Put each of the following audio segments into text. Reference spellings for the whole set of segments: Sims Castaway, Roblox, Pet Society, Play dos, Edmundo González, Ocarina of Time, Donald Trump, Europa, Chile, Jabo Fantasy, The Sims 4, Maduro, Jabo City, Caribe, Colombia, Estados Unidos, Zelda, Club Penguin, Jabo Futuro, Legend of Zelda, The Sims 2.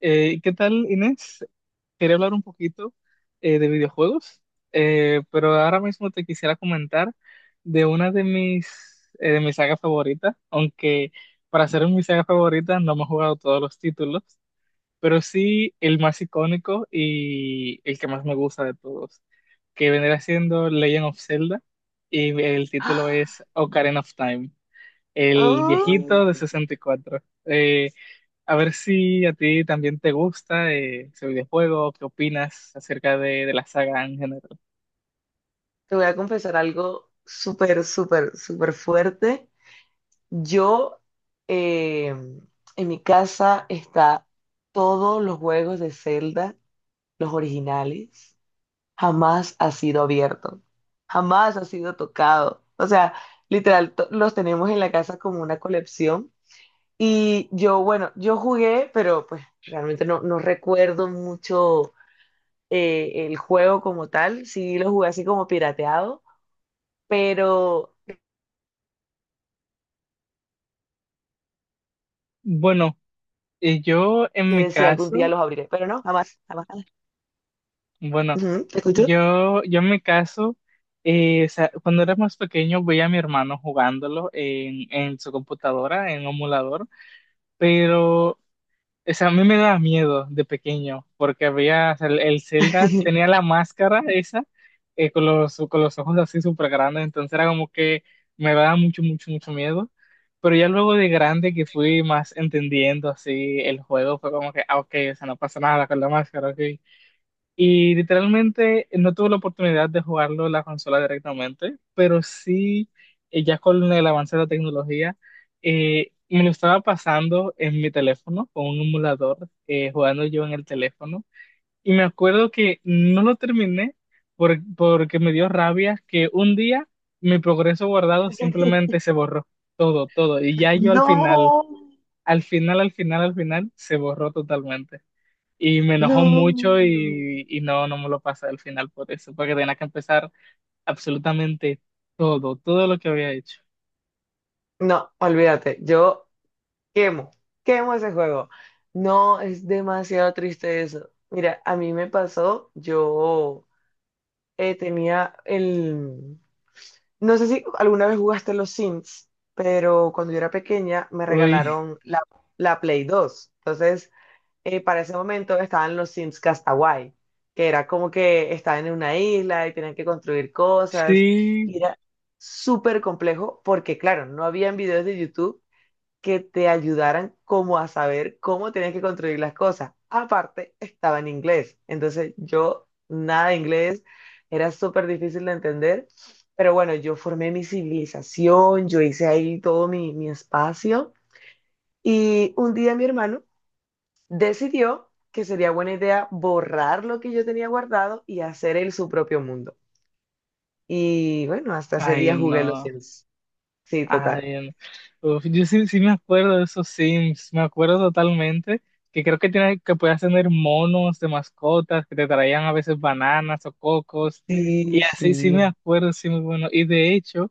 ¿Qué tal, Inés? Quería hablar un poquito, de videojuegos. Pero ahora mismo te quisiera comentar de una de mis, de mis sagas favoritas, aunque para ser mi saga favorita no me he jugado todos los títulos, pero sí el más icónico y el que más me gusta de todos, que vendría siendo Legend of Zelda, y el título es ¡Ah! Ocarina of Time, el viejito ¡Ay! de 64. Eh, a ver si a ti también te gusta, ese videojuego, qué opinas acerca de la saga en general. Te voy a confesar algo súper, súper, súper fuerte. Yo, eh, en mi casa está todos los juegos de Zelda, los originales, jamás ha sido abierto, jamás ha sido tocado. O sea, literal, los tenemos en la casa como una colección. Y yo, bueno, yo jugué, pero pues realmente no recuerdo mucho el juego como tal. Sí lo jugué así como pirateado, pero Bueno, eh, yo en yo mi decía, algún día caso, los abriré, pero no, jamás, jamás, jamás. bueno, Ujú, ¿te escucho? yo en mi caso, o sea, cuando era más pequeño veía a mi hermano jugándolo en su computadora, en un emulador, pero. O sea, a mí me daba miedo de pequeño, porque había, o sea, el Zelda tenía la máscara esa, con los ojos así súper grandes, entonces era como que me daba mucho, mucho, mucho miedo. Pero ya luego de grande, que fui más entendiendo así el juego, fue como que, ah, ok, o sea, no pasa nada con la máscara, ok. Y literalmente no tuve la oportunidad de jugarlo en la consola directamente, pero sí, ya con el avance de la tecnología, me lo estaba pasando en mi teléfono con un emulador, jugando yo en el teléfono. Y me acuerdo que no lo terminé porque me dio rabia que un día mi progreso guardado simplemente se borró, todo, todo. Y ya yo al final, No, al final, al final, al final, se borró totalmente. Y me enojó mucho, no, y no, no me lo pasé al final por eso, porque tenía que empezar absolutamente todo, todo lo que había hecho. no, olvídate, yo quemo, quemo ese juego. No, es demasiado triste eso. Mira, a mí me pasó, yo tenía no sé si alguna vez jugaste los Sims, pero cuando yo era pequeña me Uy, regalaron la Play dos. Entonces, para ese momento estaban los Sims Castaway, que era como que estaban en una isla y tenían que construir cosas. sí, Y era súper complejo porque, claro, no habían videos de YouTube que te ayudaran como a saber cómo tenías que construir las cosas. Aparte, estaba en inglés. Entonces yo, nada de inglés, era súper difícil de entender. Pero bueno, yo formé mi civilización, yo hice ahí todo mi espacio. Y un día mi hermano decidió que sería buena idea borrar lo que yo tenía guardado y hacer él su propio mundo. Y bueno, hasta ese ay día jugué no, los Sims. Sí, total. ay no. Uf, yo sí, sí me acuerdo de esos Sims, me acuerdo totalmente, que creo que, tiene, que podías tener monos de mascotas, que te traían a veces bananas o cocos, y Sí, así sí me sí. acuerdo, sí, muy bueno. Y de hecho...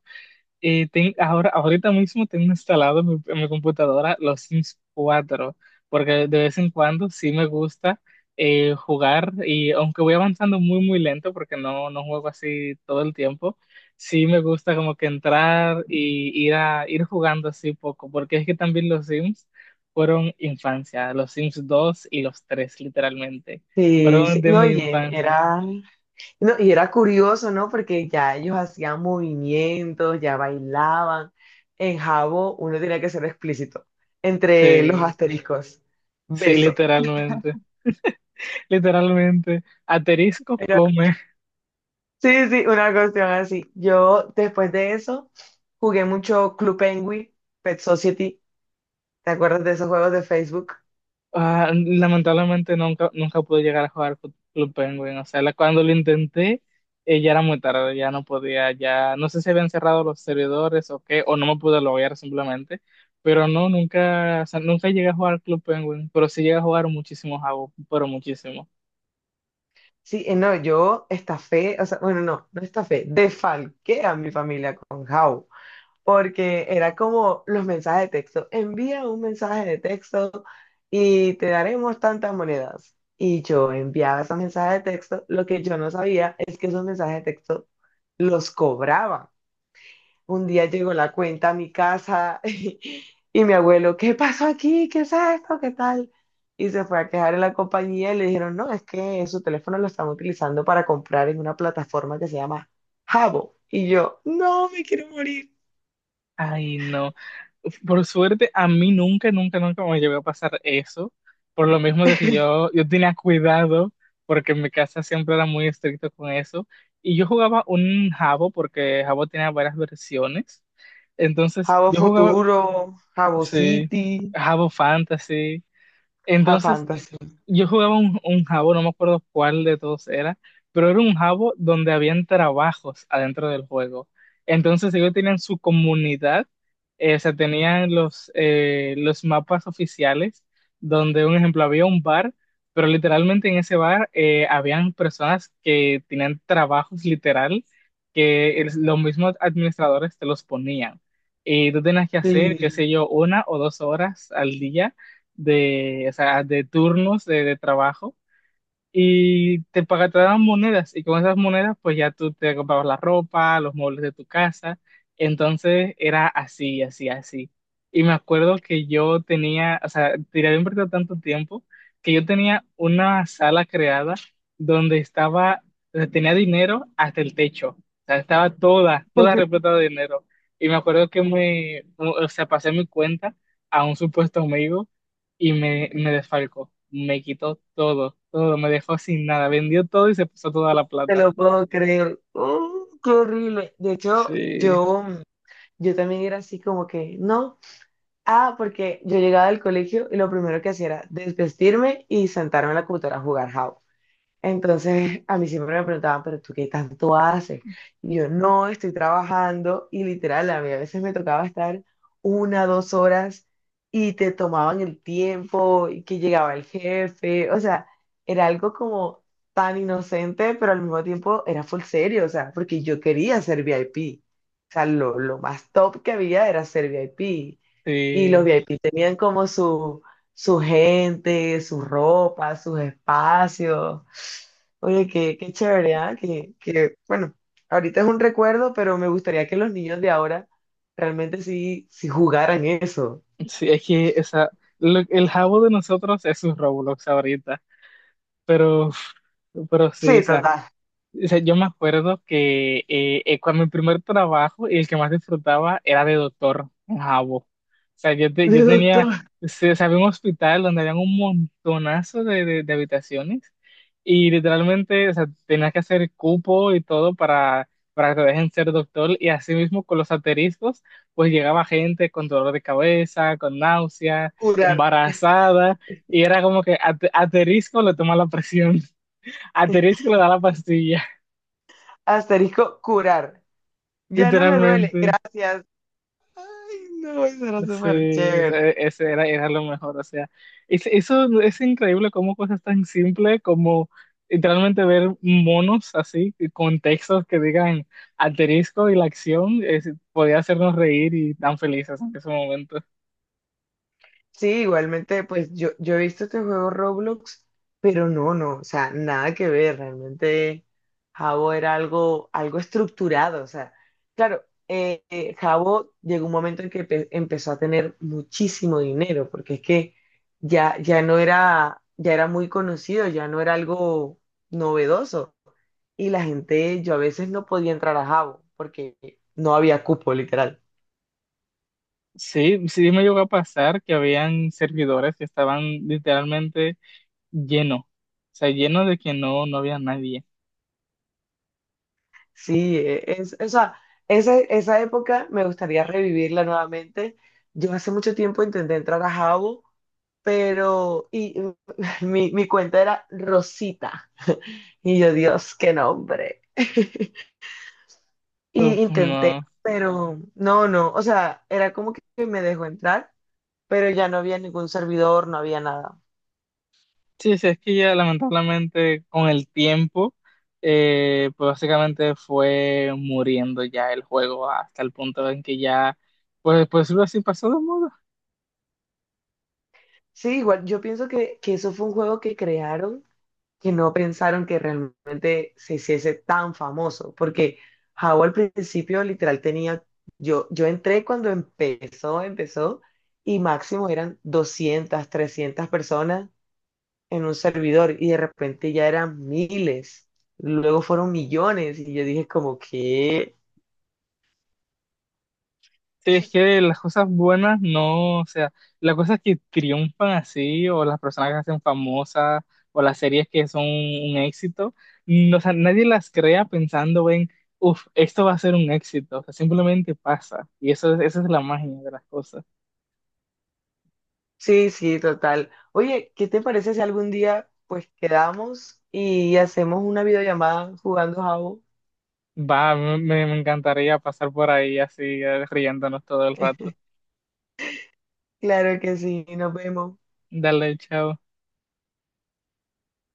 Ahora, ahorita mismo tengo instalado en mi computadora los Sims 4, porque de vez en cuando sí me gusta, jugar, y aunque voy avanzando muy, muy lento porque no, no juego así todo el tiempo, sí me gusta como que entrar y ir jugando así poco, porque es que también los Sims fueron infancia, los Sims 2 y los tres literalmente, Sí, fueron sí. de mi infancia. No, y era curioso, ¿no? Porque ya ellos hacían movimientos, ya bailaban. En Jabo uno tenía que ser explícito. Entre los Sí, asteriscos. sí, Beso. literalmente, literalmente. Aterisco Era come. Sí, sí, una cuestión así. Yo después de eso jugué mucho Club Penguin, Pet Society. ¿Te acuerdas de esos juegos de Facebook? Ah, lamentablemente nunca, nunca pude llegar a jugar Club Penguin. O sea, cuando lo intenté, ya era muy tarde, ya no podía, ya no sé si habían cerrado los servidores o qué, o no me pude loguear simplemente. Pero no, nunca, o sea, nunca llegué a jugar Club Penguin, pero sí llegué a jugar muchísimo Jabo, pero muchísimo. Sí, no, yo estafé, o sea, bueno, no, no estafé, defalqué a mi familia con How, porque era como los mensajes de texto. Envía un mensaje de texto y te daremos tantas monedas. Y yo enviaba esos mensajes de texto. Lo que yo no sabía es que esos mensajes de texto los cobraban. Un día llegó la cuenta a mi casa y mi abuelo, ¿qué pasó aquí? ¿Qué es esto? ¿Qué tal? Y se fue a quejar en la compañía y le dijeron, no, es que su teléfono lo están utilizando para comprar en una plataforma que se llama Jabo. Y yo, no, me quiero morir. Ay, no. Por suerte, a mí nunca, nunca, nunca me llegó a pasar eso. Por lo mismo de que yo tenía cuidado, porque en mi casa siempre era muy estricto con eso. Y yo jugaba un jabo, porque jabo tenía varias versiones. Entonces, Jabo yo jugaba, Futuro, Jabo sí, City, jabo fantasy. Jabo Entonces, Fantasy. yo jugaba un jabo, no me acuerdo cuál de todos era, pero era un jabo donde habían trabajos adentro del juego. Entonces ellos tenían su comunidad, o sea, tenían los mapas oficiales, donde, un ejemplo, había un bar, pero literalmente en ese bar, habían personas que tenían trabajos literal, que los mismos administradores te los ponían. Y tú tenías que hacer, qué Sí, sé yo, 1 o 2 horas al día de, o sea, de turnos de trabajo, y te pagaban, te daban monedas, y con esas monedas pues ya tú te comprabas la ropa, los muebles de tu casa. Entonces era así, así, así. Y me acuerdo que yo tenía, o sea, tiré, había invertido tanto tiempo, que yo tenía una sala creada donde estaba, donde tenía dinero hasta el techo. O sea, estaba toda, toda repleta de dinero. Y me acuerdo que me, o sea, pasé mi cuenta a un supuesto amigo y me desfalcó. Me quitó todo, todo, me dejó sin nada. Vendió todo y se puso toda la te plata. lo puedo creer. Qué horrible. De hecho, Sí, yo también era así como que, no. Ah, porque yo llegaba del colegio y lo primero que hacía era desvestirme y sentarme en la computadora a jugar Java. Entonces, a mí siempre me preguntaban, pero ¿tú qué tanto haces? Y yo, no, estoy trabajando. Y literal, a mí a veces me tocaba estar una, dos horas, y te tomaban el tiempo y que llegaba el jefe. O sea, era algo como tan inocente, pero al mismo tiempo era full serio, o sea, porque yo quería ser VIP. O sea, lo más top que había era ser VIP. Y los sí, VIP tenían como su gente, su ropa, sus espacios. Oye, qué, qué chévere, ¿ah? Que, bueno, ahorita es un recuerdo, pero me gustaría que los niños de ahora realmente sí, sí jugaran eso. sí, es que esa, el jabo de nosotros es sus Roblox ahorita. Pero, pero, sí, o Sí, sea. total. O sea, yo me acuerdo que, cuando mi primer trabajo, y el que más disfrutaba era de doctor en Jabo. O sea, yo, yo De doctor, tenía, o sea, había un hospital donde había un montonazo de habitaciones, y literalmente, o sea, tenías que hacer cupo y todo para que te dejen ser doctor, y así mismo con los asteriscos pues llegaba gente con dolor de cabeza, con náusea, curar. embarazada, y era como que aterisco le toma la presión, aterisco le da la pastilla. Asterisco, curar. Ya no me duele, Literalmente, gracias. Ay, no, eso era súper sí, o chévere. sea, ese era, era lo mejor. O sea, eso es increíble, cómo cosas tan simples como literalmente ver monos así, con textos que digan asterisco y la acción, podía hacernos reír y tan felices en ese momento. Sí, igualmente, pues yo he visto este juego Roblox, pero no, no, o sea, nada que ver, realmente Jabo era algo, algo estructurado, o sea, claro, Jabo llegó un momento en que empezó a tener muchísimo dinero, porque es que ya no era, ya era muy conocido, ya no era algo novedoso, y la gente, yo a veces no podía entrar a Jabo, porque no había cupo, literal. Sí, sí me llegó a pasar que habían servidores que estaban literalmente llenos, o sea, llenos de que no, no había nadie. O sea, esa época me gustaría revivirla nuevamente. Yo hace mucho tiempo intenté entrar a Jabo, pero y, mi cuenta era Rosita. Y yo, Dios, qué nombre. Y Uf, intenté, no. pero no, no, o sea, era como que me dejó entrar, pero ya no había ningún servidor, no había nada. Sí, sí, es que ya lamentablemente con el tiempo, pues básicamente fue muriendo ya el juego hasta el punto en que ya, pues, pues lo así pasó de moda. Sí, igual, yo pienso que eso fue un juego que crearon, que no pensaron que realmente se hiciese tan famoso, porque Jao al principio literal tenía, yo entré cuando empezó, y máximo eran 200 300 personas en un servidor, y de repente ya eran miles, luego fueron millones, y yo dije como que, Sí, es que las cosas buenas no, o sea, las cosas que triunfan así, o las personas que se hacen famosas, o las series que son un éxito, no, o sea, nadie las crea pensando en, uff, esto va a ser un éxito. O sea, simplemente pasa, y eso, esa es la magia de las cosas. sí, sí, total. Oye, ¿qué te parece si algún día pues quedamos y hacemos una videollamada jugando Jao? Va, me encantaría pasar por ahí así, riéndonos todo el rato. Claro que sí, nos vemos. Dale, chao.